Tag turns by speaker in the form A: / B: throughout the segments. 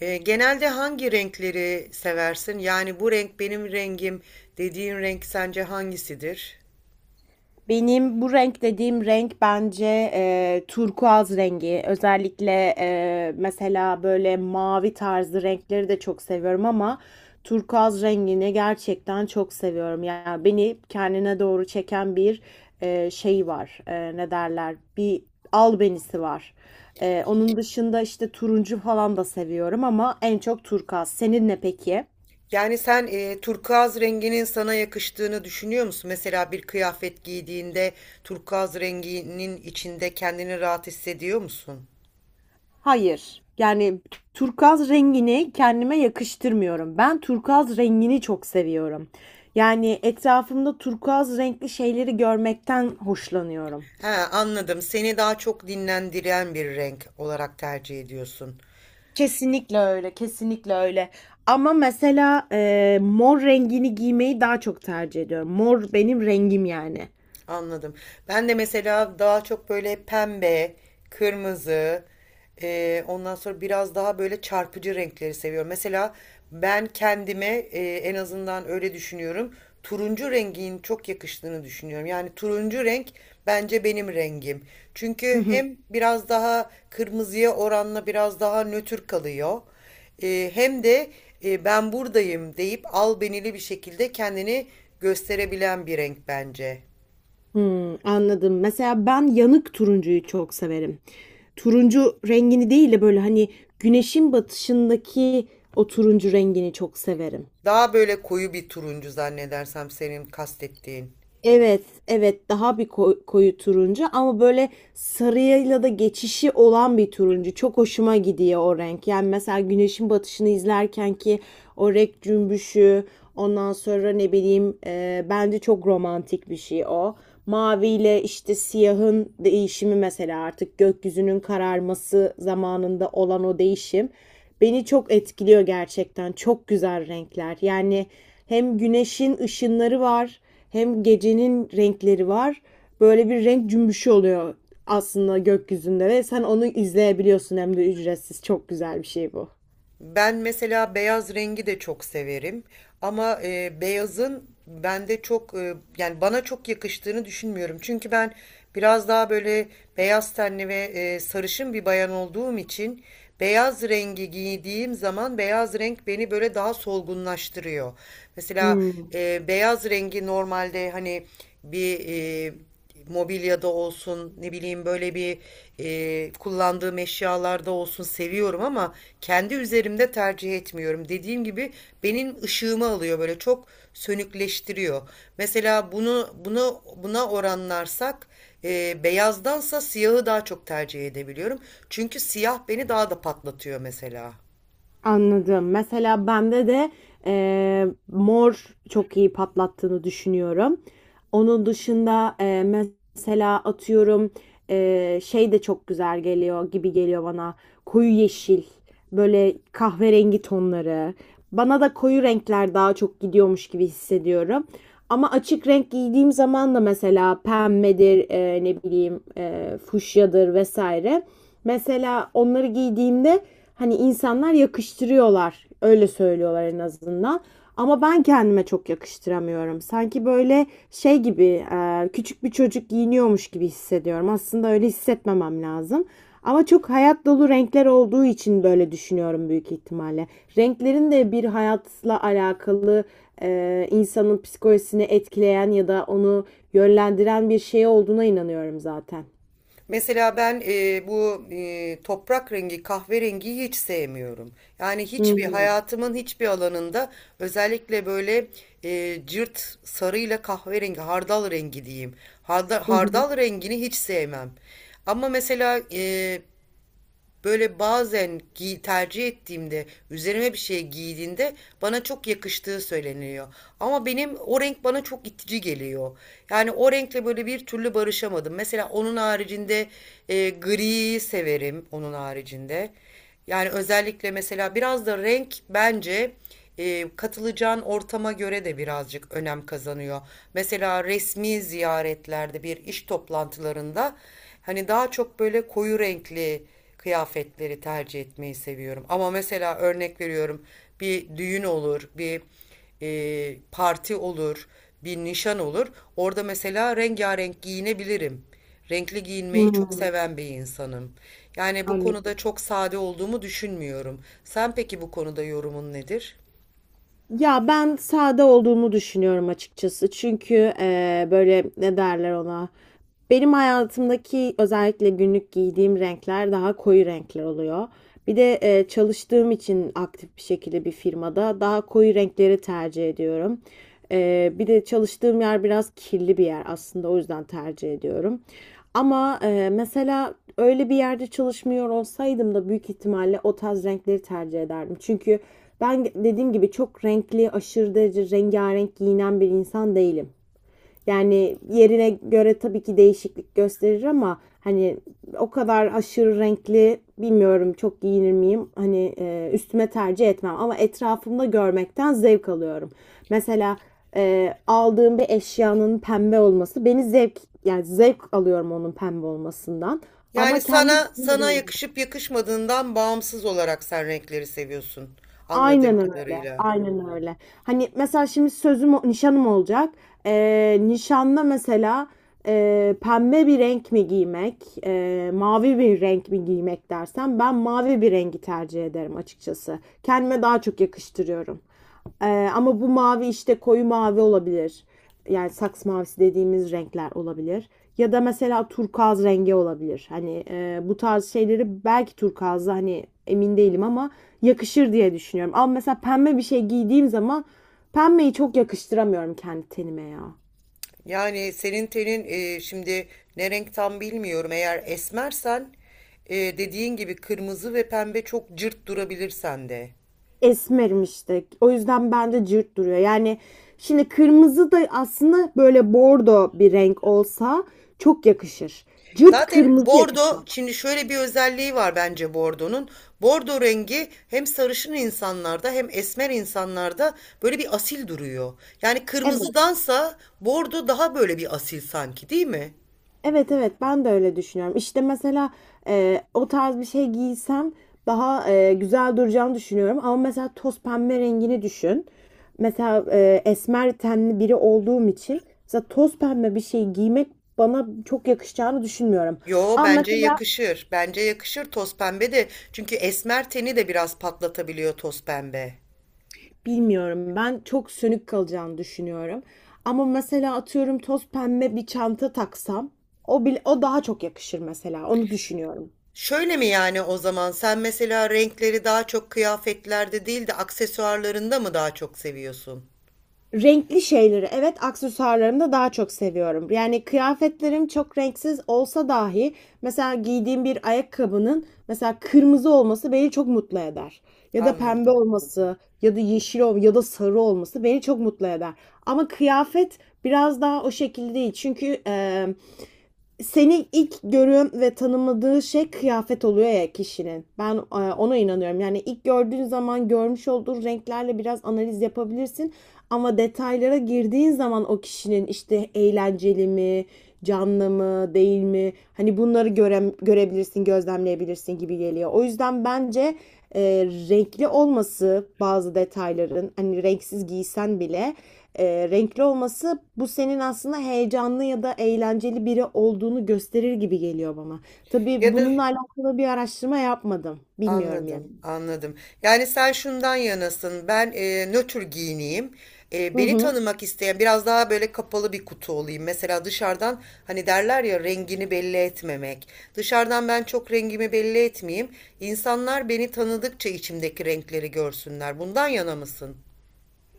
A: Genelde hangi renkleri seversin? Yani bu renk benim rengim dediğin renk sence hangisidir?
B: Benim bu renk dediğim renk bence turkuaz rengi. Özellikle mesela böyle mavi tarzı renkleri de çok seviyorum ama turkuaz rengini gerçekten çok seviyorum. Yani beni kendine doğru çeken bir şey var. E, ne derler? Bir albenisi var. Onun dışında işte turuncu falan da seviyorum ama en çok turkuaz. Senin ne peki?
A: Yani sen turkuaz renginin sana yakıştığını düşünüyor musun? Mesela bir kıyafet giydiğinde turkuaz renginin içinde kendini rahat hissediyor musun?
B: Hayır. Yani turkuaz rengini kendime yakıştırmıyorum. Ben turkuaz rengini çok seviyorum. Yani etrafımda turkuaz renkli şeyleri görmekten hoşlanıyorum.
A: He, anladım. Seni daha çok dinlendiren bir renk olarak tercih ediyorsun.
B: Kesinlikle öyle, kesinlikle öyle. Ama mesela mor rengini giymeyi daha çok tercih ediyorum. Mor benim rengim yani.
A: Anladım. Ben de mesela daha çok böyle pembe, kırmızı, ondan sonra biraz daha böyle çarpıcı renkleri seviyorum. Mesela ben kendime en azından öyle düşünüyorum. Turuncu rengin çok yakıştığını düşünüyorum. Yani turuncu renk bence benim rengim.
B: Hı
A: Çünkü
B: hı.
A: hem biraz daha kırmızıya oranla biraz daha nötr kalıyor. Hem de ben buradayım deyip albenili bir şekilde kendini gösterebilen bir renk bence.
B: Hımm, anladım. Mesela ben yanık turuncuyu çok severim. Turuncu rengini değil de böyle, hani, güneşin batışındaki o turuncu rengini çok severim.
A: Daha böyle koyu bir turuncu zannedersem senin kastettiğin.
B: Evet, evet, daha bir koyu turuncu ama böyle sarıyla da geçişi olan bir turuncu. Çok hoşuma gidiyor o renk. Yani mesela güneşin batışını izlerken ki o renk cümbüşü, ondan sonra ne bileyim, bence çok romantik bir şey o. Maviyle işte siyahın değişimi mesela artık gökyüzünün kararması zamanında olan o değişim beni çok etkiliyor gerçekten. Çok güzel renkler. Yani hem güneşin ışınları var, hem gecenin renkleri var. Böyle bir renk cümbüşü oluyor aslında gökyüzünde ve sen onu izleyebiliyorsun hem de ücretsiz. Çok güzel bir şey bu.
A: Ben mesela beyaz rengi de çok severim ama beyazın bende çok yani bana çok yakıştığını düşünmüyorum. Çünkü ben biraz daha böyle beyaz tenli ve sarışın bir bayan olduğum için beyaz rengi giydiğim zaman beyaz renk beni böyle daha solgunlaştırıyor. Mesela
B: Hmm.
A: beyaz rengi normalde hani bir e, mobilyada olsun ne bileyim böyle bir kullandığım eşyalarda olsun seviyorum ama kendi üzerimde tercih etmiyorum. Dediğim gibi benim ışığımı alıyor böyle çok sönükleştiriyor. Mesela bunu buna oranlarsak beyazdansa siyahı daha çok tercih edebiliyorum. Çünkü siyah beni daha da patlatıyor mesela.
B: Anladım. Mesela bende de, mor çok iyi patlattığını düşünüyorum. Onun dışında, mesela atıyorum, şey de çok güzel geliyor gibi geliyor bana. Koyu yeşil, böyle kahverengi tonları. Bana da koyu renkler daha çok gidiyormuş gibi hissediyorum. Ama açık renk giydiğim zaman da mesela pembedir, ne bileyim, fuşyadır vesaire. Mesela onları giydiğimde hani insanlar yakıştırıyorlar. Öyle söylüyorlar en azından. Ama ben kendime çok yakıştıramıyorum. Sanki böyle şey gibi küçük bir çocuk giyiniyormuş gibi hissediyorum. Aslında öyle hissetmemem lazım. Ama çok hayat dolu renkler olduğu için böyle düşünüyorum büyük ihtimalle. Renklerin de bir hayatla alakalı insanın psikolojisini etkileyen ya da onu yönlendiren bir şey olduğuna inanıyorum zaten.
A: Mesela ben bu toprak rengi, kahverengiyi hiç sevmiyorum. Yani
B: Hı
A: hiçbir
B: hı.
A: hayatımın hiçbir alanında özellikle böyle cırt sarıyla kahverengi, hardal rengi diyeyim.
B: Hı hı.
A: Hardal rengini hiç sevmem. Ama mesela böyle bazen tercih ettiğimde, üzerime bir şey giydiğinde bana çok yakıştığı söyleniyor. Ama benim o renk bana çok itici geliyor. Yani o renkle böyle bir türlü barışamadım. Mesela onun haricinde gri severim onun haricinde. Yani özellikle mesela biraz da renk bence katılacağın ortama göre de birazcık önem kazanıyor. Mesela resmi ziyaretlerde bir iş toplantılarında hani daha çok böyle koyu renkli kıyafetleri tercih etmeyi seviyorum. Ama mesela örnek veriyorum bir düğün olur, bir parti olur, bir nişan olur. Orada mesela rengarenk giyinebilirim. Renkli
B: Hı.
A: giyinmeyi çok
B: hı.
A: seven bir insanım. Yani bu konuda
B: Anladım.
A: çok sade olduğumu düşünmüyorum. Sen peki bu konuda yorumun nedir?
B: Ya ben sade olduğumu düşünüyorum açıkçası. Çünkü böyle ne derler ona? Benim hayatımdaki özellikle günlük giydiğim renkler daha koyu renkler oluyor. Bir de çalıştığım için aktif bir şekilde bir firmada daha koyu renkleri tercih ediyorum. Bir de çalıştığım yer biraz kirli bir yer aslında o yüzden tercih ediyorum. Ama mesela öyle bir yerde çalışmıyor olsaydım da büyük ihtimalle o tarz renkleri tercih ederdim. Çünkü ben dediğim gibi çok renkli, aşırı derece rengarenk giyinen bir insan değilim. Yani yerine göre tabii ki değişiklik gösterir ama hani o kadar aşırı renkli bilmiyorum çok giyinir miyim? Hani üstüme tercih etmem ama etrafımda görmekten zevk alıyorum. Mesela aldığım bir eşyanın pembe olması beni zevk yani zevk alıyorum onun pembe olmasından
A: Yani
B: ama kendi
A: sana yakışıp yakışmadığından bağımsız olarak sen renkleri seviyorsun anladığım
B: Aynen öyle.
A: kadarıyla.
B: Aynen öyle. Hani mesela şimdi nişanım olacak. Nişanda mesela pembe bir renk mi giymek, mavi bir renk mi giymek dersen ben mavi bir rengi tercih ederim açıkçası. Kendime daha çok yakıştırıyorum. Ama bu mavi işte koyu mavi olabilir. Yani saks mavisi dediğimiz renkler olabilir. Ya da mesela turkuaz rengi olabilir. Hani bu tarz şeyleri belki turkuazda hani emin değilim ama yakışır diye düşünüyorum. Ama mesela pembe bir şey giydiğim zaman pembeyi çok yakıştıramıyorum kendi tenime ya.
A: Yani senin tenin şimdi ne renk tam bilmiyorum. Eğer esmersen dediğin gibi kırmızı ve pembe çok cırt durabilir sende.
B: Esmerim işte. O yüzden bende cırt duruyor. Yani şimdi kırmızı da aslında böyle bordo bir renk olsa çok yakışır. Cırt
A: Zaten
B: kırmızı
A: bordo
B: yakışmaz.
A: şimdi şöyle bir özelliği var bence bordonun. Bordo rengi hem sarışın insanlarda hem esmer insanlarda böyle bir asil duruyor. Yani
B: Evet.
A: kırmızıdansa bordo daha böyle bir asil sanki değil mi?
B: Evet, evet, ben de öyle düşünüyorum. İşte mesela o tarz bir şey giysem daha güzel duracağını düşünüyorum. Ama mesela toz pembe rengini düşün. Mesela esmer tenli biri olduğum için mesela toz pembe bir şey giymek bana çok yakışacağını düşünmüyorum.
A: Yo
B: Ama
A: bence
B: mesela
A: yakışır. Bence yakışır toz pembe de. Çünkü esmer teni de biraz patlatabiliyor toz pembe.
B: bilmiyorum ben çok sönük kalacağını düşünüyorum. Ama mesela atıyorum toz pembe bir çanta taksam o bile, o daha çok yakışır mesela onu düşünüyorum.
A: Şöyle mi yani o zaman sen mesela renkleri daha çok kıyafetlerde değil de aksesuarlarında mı daha çok seviyorsun?
B: Renkli şeyleri, evet, aksesuarlarımda daha çok seviyorum. Yani kıyafetlerim çok renksiz olsa dahi mesela giydiğim bir ayakkabının mesela kırmızı olması beni çok mutlu eder. Ya da pembe
A: Anladım.
B: olması ya da yeşil ol ya da sarı olması beni çok mutlu eder. Ama kıyafet biraz daha o şekilde değil. Çünkü seni ilk görüyorum ve tanımadığı şey kıyafet oluyor ya kişinin. Ben ona inanıyorum. Yani ilk gördüğün zaman görmüş olduğun renklerle biraz analiz yapabilirsin. Ama detaylara girdiğin zaman o kişinin işte eğlenceli mi, canlı mı, değil mi? Hani bunları görebilirsin, gözlemleyebilirsin gibi geliyor. O yüzden bence e, renkli olması bazı detayların hani renksiz giysen bile renkli olması bu senin aslında heyecanlı ya da eğlenceli biri olduğunu gösterir gibi geliyor bana. Tabii
A: Ya da
B: bununla alakalı bir araştırma yapmadım. Bilmiyorum yani.
A: anladım, anladım. Yani sen şundan yanasın, ben nötr giyineyim,
B: Hı
A: beni
B: hı.
A: tanımak isteyen biraz daha böyle kapalı bir kutu olayım. Mesela dışarıdan hani derler ya rengini belli etmemek. Dışarıdan ben çok rengimi belli etmeyeyim. İnsanlar beni tanıdıkça içimdeki renkleri görsünler. Bundan yana mısın?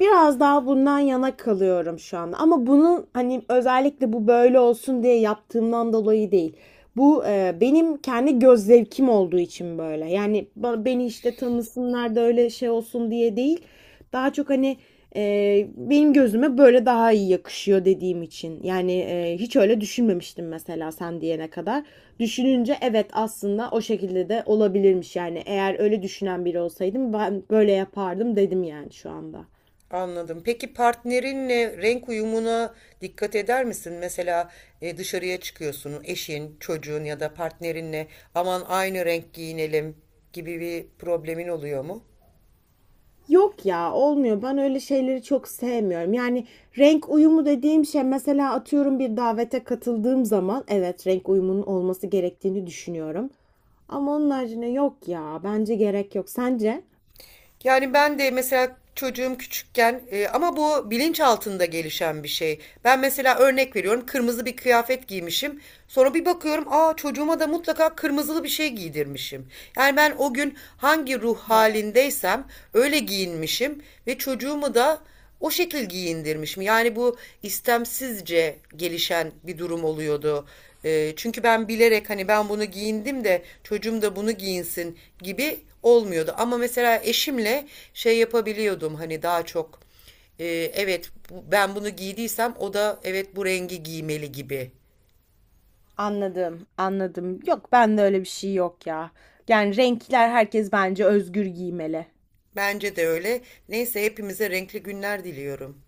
B: Biraz daha bundan yana kalıyorum şu anda. Ama bunun hani özellikle bu böyle olsun diye yaptığımdan dolayı değil. Bu benim kendi göz zevkim olduğu için böyle. Yani beni işte tanısınlar da öyle şey olsun diye değil. Daha çok hani benim gözüme böyle daha iyi yakışıyor dediğim için. Yani hiç öyle düşünmemiştim mesela sen diyene kadar. Düşününce evet aslında o şekilde de olabilirmiş yani. Eğer öyle düşünen biri olsaydım ben böyle yapardım dedim yani şu anda.
A: Anladım. Peki partnerinle renk uyumuna dikkat eder misin? Mesela dışarıya çıkıyorsun, eşin, çocuğun ya da partnerinle aman aynı renk giyinelim gibi bir problemin oluyor mu?
B: Yok ya, olmuyor. Ben öyle şeyleri çok sevmiyorum. Yani renk uyumu dediğim şey mesela atıyorum bir davete katıldığım zaman evet renk uyumunun olması gerektiğini düşünüyorum. Ama onun haricinde yok ya. Bence gerek yok. Sence?
A: Yani ben de mesela çocuğum küçükken ama bu bilinç altında gelişen bir şey. Ben mesela örnek veriyorum kırmızı bir kıyafet giymişim. Sonra bir bakıyorum aa çocuğuma da mutlaka kırmızılı bir şey giydirmişim. Yani ben o gün hangi ruh halindeysem öyle giyinmişim ve çocuğumu da o şekil giyindirmiş mi? Yani bu istemsizce gelişen bir durum oluyordu. Çünkü ben bilerek hani ben bunu giyindim de çocuğum da bunu giyinsin gibi olmuyordu. Ama mesela eşimle şey yapabiliyordum hani daha çok e, evet ben bunu giydiysem o da evet bu rengi giymeli gibi.
B: Anladım, anladım. Yok, ben de öyle bir şey yok ya. Yani renkler herkes bence özgür giymeli.
A: Bence de öyle. Neyse hepimize renkli günler diliyorum.